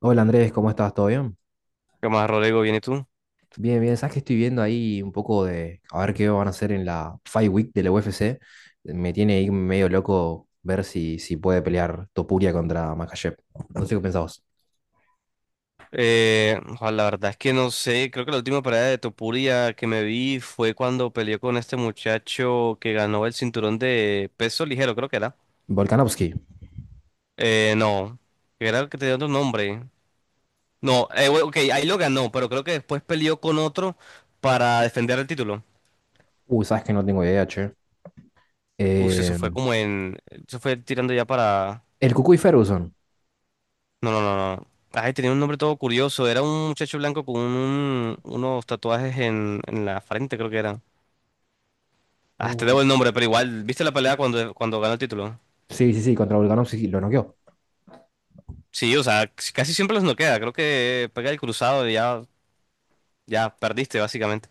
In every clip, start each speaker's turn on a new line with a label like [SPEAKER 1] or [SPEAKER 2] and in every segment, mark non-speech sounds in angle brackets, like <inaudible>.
[SPEAKER 1] Hola Andrés, ¿cómo estás? ¿Todo bien?
[SPEAKER 2] ¿Qué más, Rodrigo? ¿Vienes tú?
[SPEAKER 1] Bien, bien. Sabes que estoy viendo ahí un poco de a ver qué van a hacer en la Fight Week de la UFC. Me tiene ahí medio loco ver si puede pelear Topuria contra Makhachev. No sé qué pensabas.
[SPEAKER 2] Ojalá, la verdad es que no sé, creo que la última pelea de Topuria que me vi fue cuando peleó con este muchacho que ganó el cinturón de peso ligero, creo que era.
[SPEAKER 1] Volkanovski.
[SPEAKER 2] No, Que era el que tenía otro nombre. No, bueno, ok, ahí lo ganó, pero creo que después peleó con otro para defender el título.
[SPEAKER 1] Uy, sabes que no tengo idea, che.
[SPEAKER 2] Uf, eso
[SPEAKER 1] Eh,
[SPEAKER 2] fue como en... Eso fue tirando ya para...
[SPEAKER 1] el Cucuy Ferguson.
[SPEAKER 2] No, no, no, no. Ay, tenía un nombre todo curioso, era un muchacho blanco con unos tatuajes en la frente, creo que era. Ah, te
[SPEAKER 1] Uy.
[SPEAKER 2] debo el nombre, pero igual, ¿viste la pelea cuando ganó el título?
[SPEAKER 1] Sí, sí, sí, contra Volkanovski lo noqueó.
[SPEAKER 2] Sí, o sea, casi siempre los noquea. Creo que pega el cruzado y ya, ya perdiste, básicamente.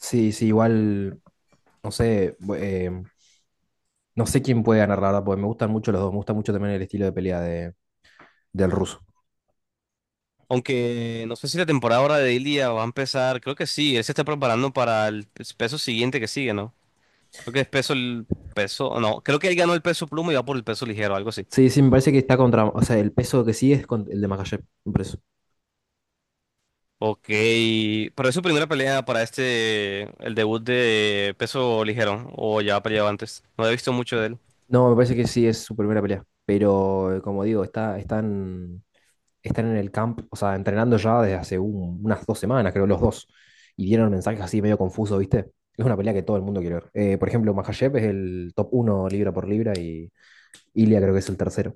[SPEAKER 1] Sí, sí, igual, no sé, no sé quién puede ganar, la verdad, porque me gustan mucho los dos. Me gusta mucho también el estilo de pelea del ruso.
[SPEAKER 2] Aunque no sé si la temporada ahora de Ilia va a empezar. Creo que sí, él se está preparando para el peso siguiente que sigue, ¿no? Creo que es peso, el peso, no, creo que él ganó el peso pluma y va por el peso ligero, algo así.
[SPEAKER 1] Sí, sí, me parece que está contra. O sea, el peso que sí es el de Makhachev, me parece.
[SPEAKER 2] Ok, pero es su primera pelea para este, el debut de peso ligero, o ya ha peleado antes. No he visto mucho de él.
[SPEAKER 1] No, me parece que sí es su primera pelea. Pero, como digo, están en el camp, o sea, entrenando ya desde hace unas 2 semanas, creo, los dos. Y dieron mensajes así medio confusos, ¿viste? Es una pelea que todo el mundo quiere ver. Por ejemplo, Makhachev es el top uno libra por libra y Ilia creo que es el tercero.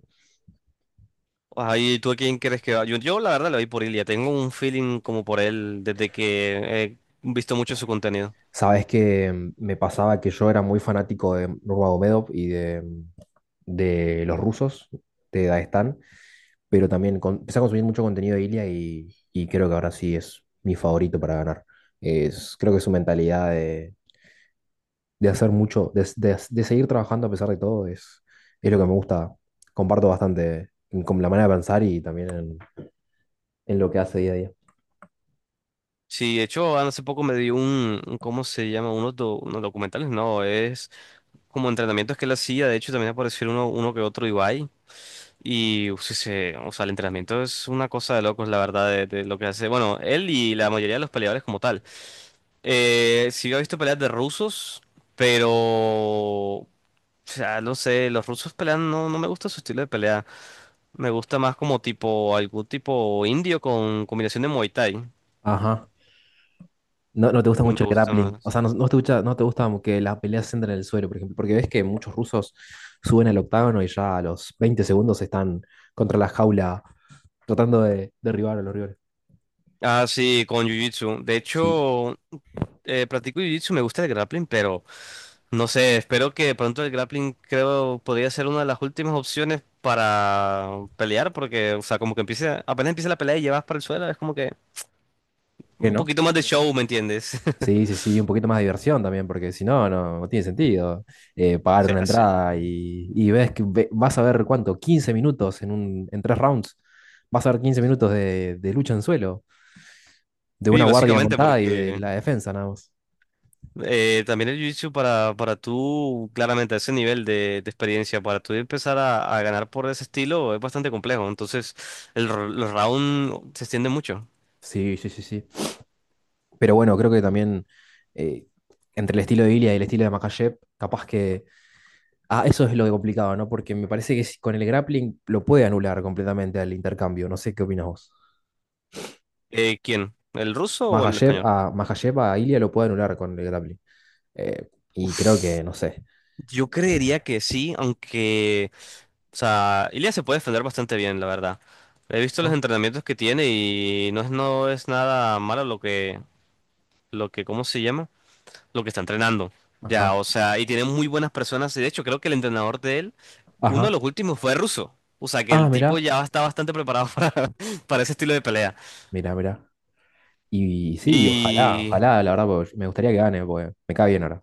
[SPEAKER 2] Ahí, ¿tú a quién crees que va? Yo, la verdad le voy por Ilia. Tengo un feeling como por él desde que he visto mucho su contenido.
[SPEAKER 1] Sabes que me pasaba que yo era muy fanático de Nurmagomedov y de los rusos, de Daguestán. Pero también empecé a consumir mucho contenido de Ilia y creo que ahora sí es mi favorito para ganar. Creo que su mentalidad de hacer mucho, de seguir trabajando a pesar de todo, es lo que me gusta. Comparto bastante con la manera de pensar y también en lo que hace día a día.
[SPEAKER 2] Sí, de hecho, hace poco me dio ¿cómo se llama? Unos, unos documentales, no, es como entrenamientos que él hacía. De hecho, también apareció uno, uno que otro Ibai. Y, uf, sí, o sea, el entrenamiento es una cosa de locos, la verdad, de lo que hace. Bueno, él y la mayoría de los peleadores como tal. Sí, yo he visto peleas de rusos, pero... O sea, no sé, los rusos pelean, no, no me gusta su estilo de pelea. Me gusta más como tipo, algún tipo indio con combinación de Muay Thai.
[SPEAKER 1] Ajá. No, no te gusta
[SPEAKER 2] Me
[SPEAKER 1] mucho el
[SPEAKER 2] gusta
[SPEAKER 1] grappling. O
[SPEAKER 2] más.
[SPEAKER 1] sea, no, no te gusta, no te gusta que las peleas se entren en el suelo, por ejemplo, porque ves que muchos rusos suben al octágono y ya a los 20 segundos están contra la jaula tratando de derribar a los rivales.
[SPEAKER 2] Ah, sí, con Jiu-Jitsu. De
[SPEAKER 1] Sí.
[SPEAKER 2] hecho, practico Jiu-Jitsu, me gusta el grappling, pero no sé, espero que pronto el grappling creo podría ser una de las últimas opciones para pelear, porque, o sea, como que empiece, apenas empieza la pelea y llevas para el suelo, es como que
[SPEAKER 1] ¿Qué
[SPEAKER 2] un
[SPEAKER 1] no?
[SPEAKER 2] poquito más de show, ¿me entiendes? <laughs>
[SPEAKER 1] Sí, sí, sí, un poquito más de diversión también, porque si no, no, no tiene sentido
[SPEAKER 2] O
[SPEAKER 1] pagar una
[SPEAKER 2] sea, sí.
[SPEAKER 1] entrada y ves que vas a ver cuánto, 15 minutos en en 3 rounds, vas a ver 15 minutos de lucha en suelo, de una
[SPEAKER 2] Y
[SPEAKER 1] guardia
[SPEAKER 2] básicamente
[SPEAKER 1] montada y de
[SPEAKER 2] porque...
[SPEAKER 1] la defensa nada más.
[SPEAKER 2] También el jiu-jitsu para tú, claramente, a ese nivel de experiencia, para tú empezar a ganar por ese estilo es bastante complejo. Entonces, el, los rounds se extienden mucho.
[SPEAKER 1] Sí, sí, sí, sí. Pero bueno, creo que también eh, entre el estilo de Ilia y el estilo de Makhachev, capaz que. Ah, eso es lo de complicado, ¿no? Porque me parece que con el grappling lo puede anular completamente al intercambio. No sé qué opinas vos.
[SPEAKER 2] ¿Quién? ¿El ruso o el
[SPEAKER 1] Makhachev
[SPEAKER 2] español?
[SPEAKER 1] a, Makhachev a Ilia lo puede anular con el grappling. Y creo
[SPEAKER 2] Uf,
[SPEAKER 1] que, no sé.
[SPEAKER 2] yo creería que sí, aunque, o sea, Ilya se puede defender bastante bien, la verdad. He visto los
[SPEAKER 1] ¿No?
[SPEAKER 2] entrenamientos que tiene y no es, no es nada malo lo que, ¿cómo se llama? Lo que está entrenando. Ya,
[SPEAKER 1] Ajá,
[SPEAKER 2] o sea, y tiene muy buenas personas. Y de hecho, creo que el entrenador de él, uno de
[SPEAKER 1] ajá.
[SPEAKER 2] los últimos fue ruso. O sea, que
[SPEAKER 1] Ah,
[SPEAKER 2] el tipo
[SPEAKER 1] mirá,
[SPEAKER 2] ya está bastante preparado <laughs> para ese estilo de pelea.
[SPEAKER 1] mirá, mirá. Y, sí, ojalá,
[SPEAKER 2] Y
[SPEAKER 1] ojalá, la verdad, porque me gustaría que gane, porque me cae bien ahora.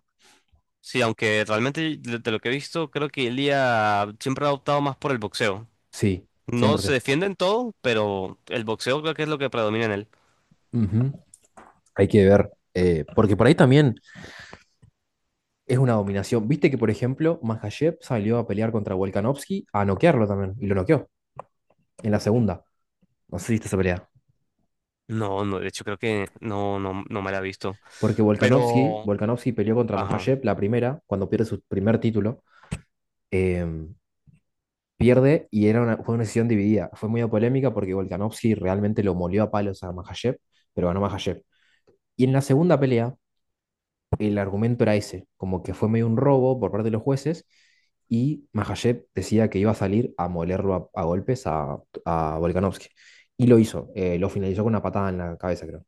[SPEAKER 2] sí, aunque realmente de lo que he visto, creo que Ilia siempre ha optado más por el boxeo.
[SPEAKER 1] Sí,
[SPEAKER 2] No se
[SPEAKER 1] 100%.
[SPEAKER 2] defiende en todo, pero el boxeo creo que es lo que predomina en él.
[SPEAKER 1] Ujú. Hay que ver. Porque por ahí también es una dominación. Viste que, por ejemplo, Makhachev salió a pelear contra Volkanovski a noquearlo también, y lo noqueó en la segunda. No sé si viste esa pelea.
[SPEAKER 2] No, no, de hecho creo que no, no, no me la he visto.
[SPEAKER 1] Porque Volkanovski,
[SPEAKER 2] Pero,
[SPEAKER 1] Volkanovski peleó contra
[SPEAKER 2] ajá.
[SPEAKER 1] Makhachev la primera, cuando pierde su primer título. eh, Pierde y era fue una decisión dividida. Fue muy polémica porque Volkanovski realmente lo molió a palos a Makhachev, pero ganó Makhachev. Y en la segunda pelea, el argumento era ese, como que fue medio un robo por parte de los jueces y Makhachev decía que iba a salir a molerlo a golpes a Volkanovski. Y lo hizo, lo finalizó con una patada en la cabeza, creo.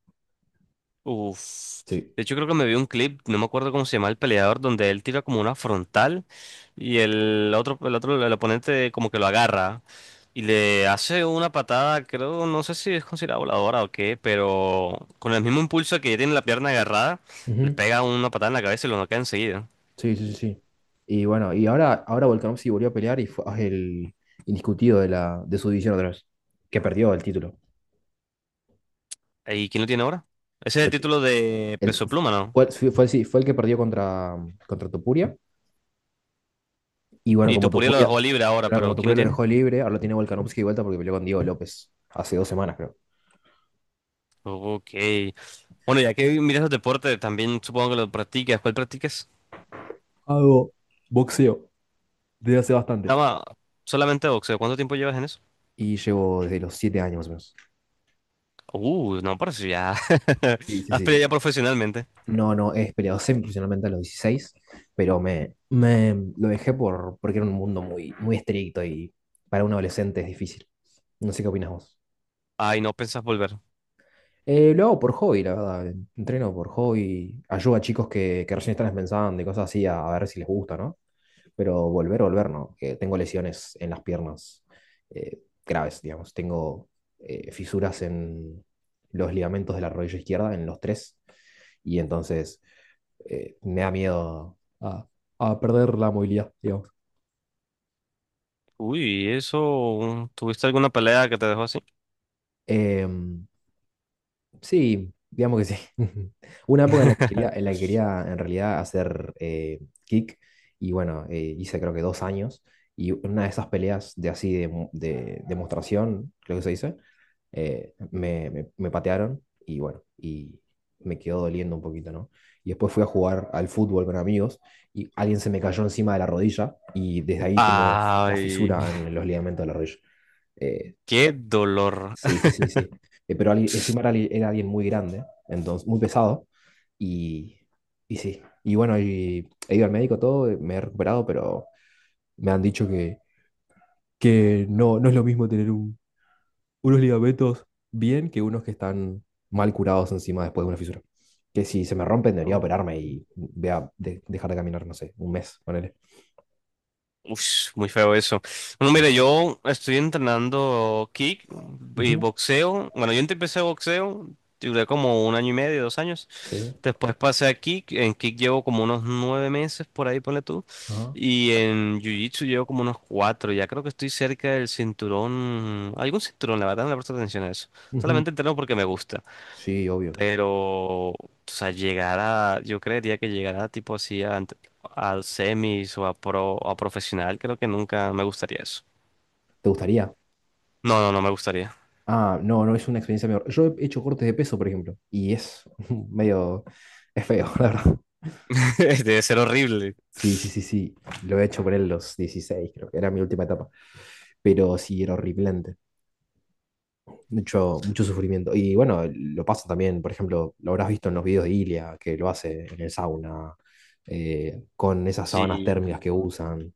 [SPEAKER 2] Uf.
[SPEAKER 1] Sí.
[SPEAKER 2] De hecho, creo que me vi un clip, no me acuerdo cómo se llama el peleador, donde él tira como una frontal y el otro, el otro, el oponente como que lo agarra y le hace una patada, creo, no sé si es considerada voladora o qué, pero con el mismo impulso que tiene la pierna agarrada, le
[SPEAKER 1] Ujú.
[SPEAKER 2] pega una patada en la cabeza y lo noquea enseguida.
[SPEAKER 1] Sí, sí, sí, sí. Y bueno, y ahora Volkanovski volvió a pelear y fue el indiscutido de su división otra vez, que perdió el título.
[SPEAKER 2] ¿Y quién lo tiene ahora? Ese es el título de
[SPEAKER 1] El,
[SPEAKER 2] peso pluma, ¿no?
[SPEAKER 1] sí, sí, fue el que perdió contra Topuria. Y bueno,
[SPEAKER 2] Y
[SPEAKER 1] como
[SPEAKER 2] Topuria lo
[SPEAKER 1] Topuria,
[SPEAKER 2] dejó libre ahora,
[SPEAKER 1] claro, como
[SPEAKER 2] pero ¿quién lo
[SPEAKER 1] Topuria lo
[SPEAKER 2] tiene?
[SPEAKER 1] dejó libre, ahora lo tiene Volkanovski de vuelta porque peleó con Diego López hace 2 semanas, creo.
[SPEAKER 2] Ok. Bueno, ya que miras los deportes, también supongo que lo practicas. ¿Cuál practicas?
[SPEAKER 1] Hago boxeo desde hace bastante.
[SPEAKER 2] Dama, solamente boxeo. ¿Cuánto tiempo llevas en eso?
[SPEAKER 1] Y llevo desde los 7 años más o menos.
[SPEAKER 2] No, parece ya.
[SPEAKER 1] Sí,
[SPEAKER 2] <laughs>
[SPEAKER 1] sí,
[SPEAKER 2] Has
[SPEAKER 1] sí.
[SPEAKER 2] peleado ya profesionalmente.
[SPEAKER 1] No, no, he peleado semiprofesionalmente a los 16 pero me lo dejé porque era un mundo muy, muy estricto y para un adolescente es difícil. No sé qué opinas vos.
[SPEAKER 2] Ay, no pensás volver.
[SPEAKER 1] Lo hago por hobby, la verdad. Entreno por hobby. Ayudo a chicos que recién están empezando y cosas así a ver si les gusta, ¿no? Pero volver, volver, ¿no? Que tengo lesiones en las piernas eh, graves, digamos. Tengo fisuras en los ligamentos de la rodilla izquierda, en los tres. Y entonces me da miedo a perder la movilidad, digamos.
[SPEAKER 2] Uy, eso. ¿Tuviste alguna pelea que te dejó así?
[SPEAKER 1] Em, Sí, digamos que sí. <laughs> Una época en la que quería, en la
[SPEAKER 2] <laughs>
[SPEAKER 1] que quería en realidad hacer kick y bueno, hice creo que 2 años y una de esas peleas de así de demostración, creo que se dice, me patearon y bueno, y me quedó doliendo un poquito, ¿no? Y después fui a jugar al fútbol con amigos y alguien se me cayó encima de la rodilla y desde ahí tengo la
[SPEAKER 2] Ay,
[SPEAKER 1] fisura en los ligamentos de la rodilla. Eh,
[SPEAKER 2] qué dolor.
[SPEAKER 1] Sí, sí, sí, sí. Pero encima era alguien muy grande, entonces muy pesado. Y, y sí. Y bueno, y he ido al médico todo, me he recuperado, pero me han dicho que no, no es lo mismo tener unos ligamentos bien que unos que están mal curados encima después de una fisura. Que si se me rompen debería
[SPEAKER 2] <laughs>
[SPEAKER 1] operarme y dejar de caminar, no sé, un mes, ponele.
[SPEAKER 2] Ush, muy feo eso. Bueno,
[SPEAKER 1] Sí.
[SPEAKER 2] mire, yo estoy entrenando kick y
[SPEAKER 1] Ujú.
[SPEAKER 2] boxeo. Bueno, yo empecé boxeo, duré como un año y medio, 2 años.
[SPEAKER 1] Sí.
[SPEAKER 2] Después pasé a kick. En kick llevo como unos 9 meses, por ahí ponle tú.
[SPEAKER 1] Ajá.
[SPEAKER 2] Y en jiu-jitsu llevo como unos cuatro. Ya creo que estoy cerca del cinturón. Algún cinturón, la verdad, no le presto atención a eso.
[SPEAKER 1] Ujú.
[SPEAKER 2] Solamente entreno porque me gusta.
[SPEAKER 1] Sí, obvio.
[SPEAKER 2] Pero, o sea, llegar a, yo creería que llegar a tipo así a semis o a pro o a profesional, creo que nunca me gustaría eso.
[SPEAKER 1] ¿Te gustaría?
[SPEAKER 2] No, no, no me gustaría.
[SPEAKER 1] Ah, no, no es una experiencia mejor. Yo he hecho cortes de peso, por ejemplo, y es <laughs> medio, es feo, <laughs> la verdad.
[SPEAKER 2] <laughs> Debe ser horrible.
[SPEAKER 1] Sí, sí, sí, sí. Lo he hecho por él los 16, creo que era mi última etapa. Pero sí, era horripilante. Mucho, mucho sufrimiento. Y bueno, lo pasa también, por ejemplo, lo habrás visto en los videos de Ilia, que lo hace en el sauna, con esas sábanas térmicas
[SPEAKER 2] Sí.
[SPEAKER 1] que usan.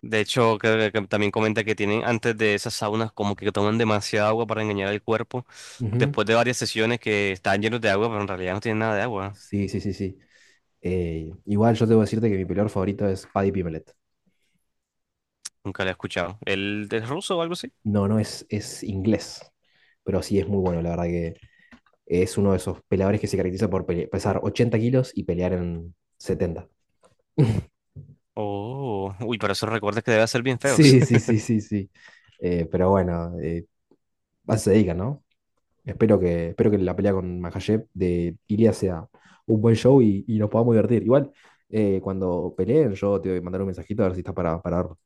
[SPEAKER 2] De hecho, creo que también comenta que tienen antes de esas saunas como que toman demasiada agua para engañar al cuerpo.
[SPEAKER 1] Ujú.
[SPEAKER 2] Después de varias sesiones que están llenos de agua, pero en realidad no tienen nada de agua.
[SPEAKER 1] Sí, sí, sí, sí. Igual yo debo decirte que mi peleador favorito es Paddy Pimelet.
[SPEAKER 2] Nunca lo he escuchado. ¿Él es ruso o algo así?
[SPEAKER 1] No, no es inglés, pero sí es muy bueno, la verdad que es uno de esos peleadores que se caracteriza por pesar 80 kilos y pelear en 70.
[SPEAKER 2] Oh, uy, pero esos recuerdos que debe ser bien feos.
[SPEAKER 1] Sí, sí, sí, sí, sí. Pero bueno, a eso se dedican, ¿no? Espero que la pelea con Makhachev de Ilia sea un buen show y nos podamos divertir. Igual, cuando peleen, yo te voy a mandar un mensajito a ver si estás para verlo.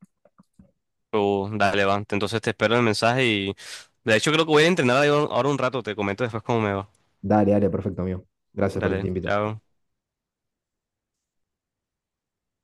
[SPEAKER 2] Oh, dale, va. Entonces te espero el mensaje y... De hecho, creo que voy a entrenar ahí ahora un rato. Te comento después cómo me va.
[SPEAKER 1] Dale, dale, perfecto, amigo. Gracias por este
[SPEAKER 2] Dale,
[SPEAKER 1] tiempito.
[SPEAKER 2] chao.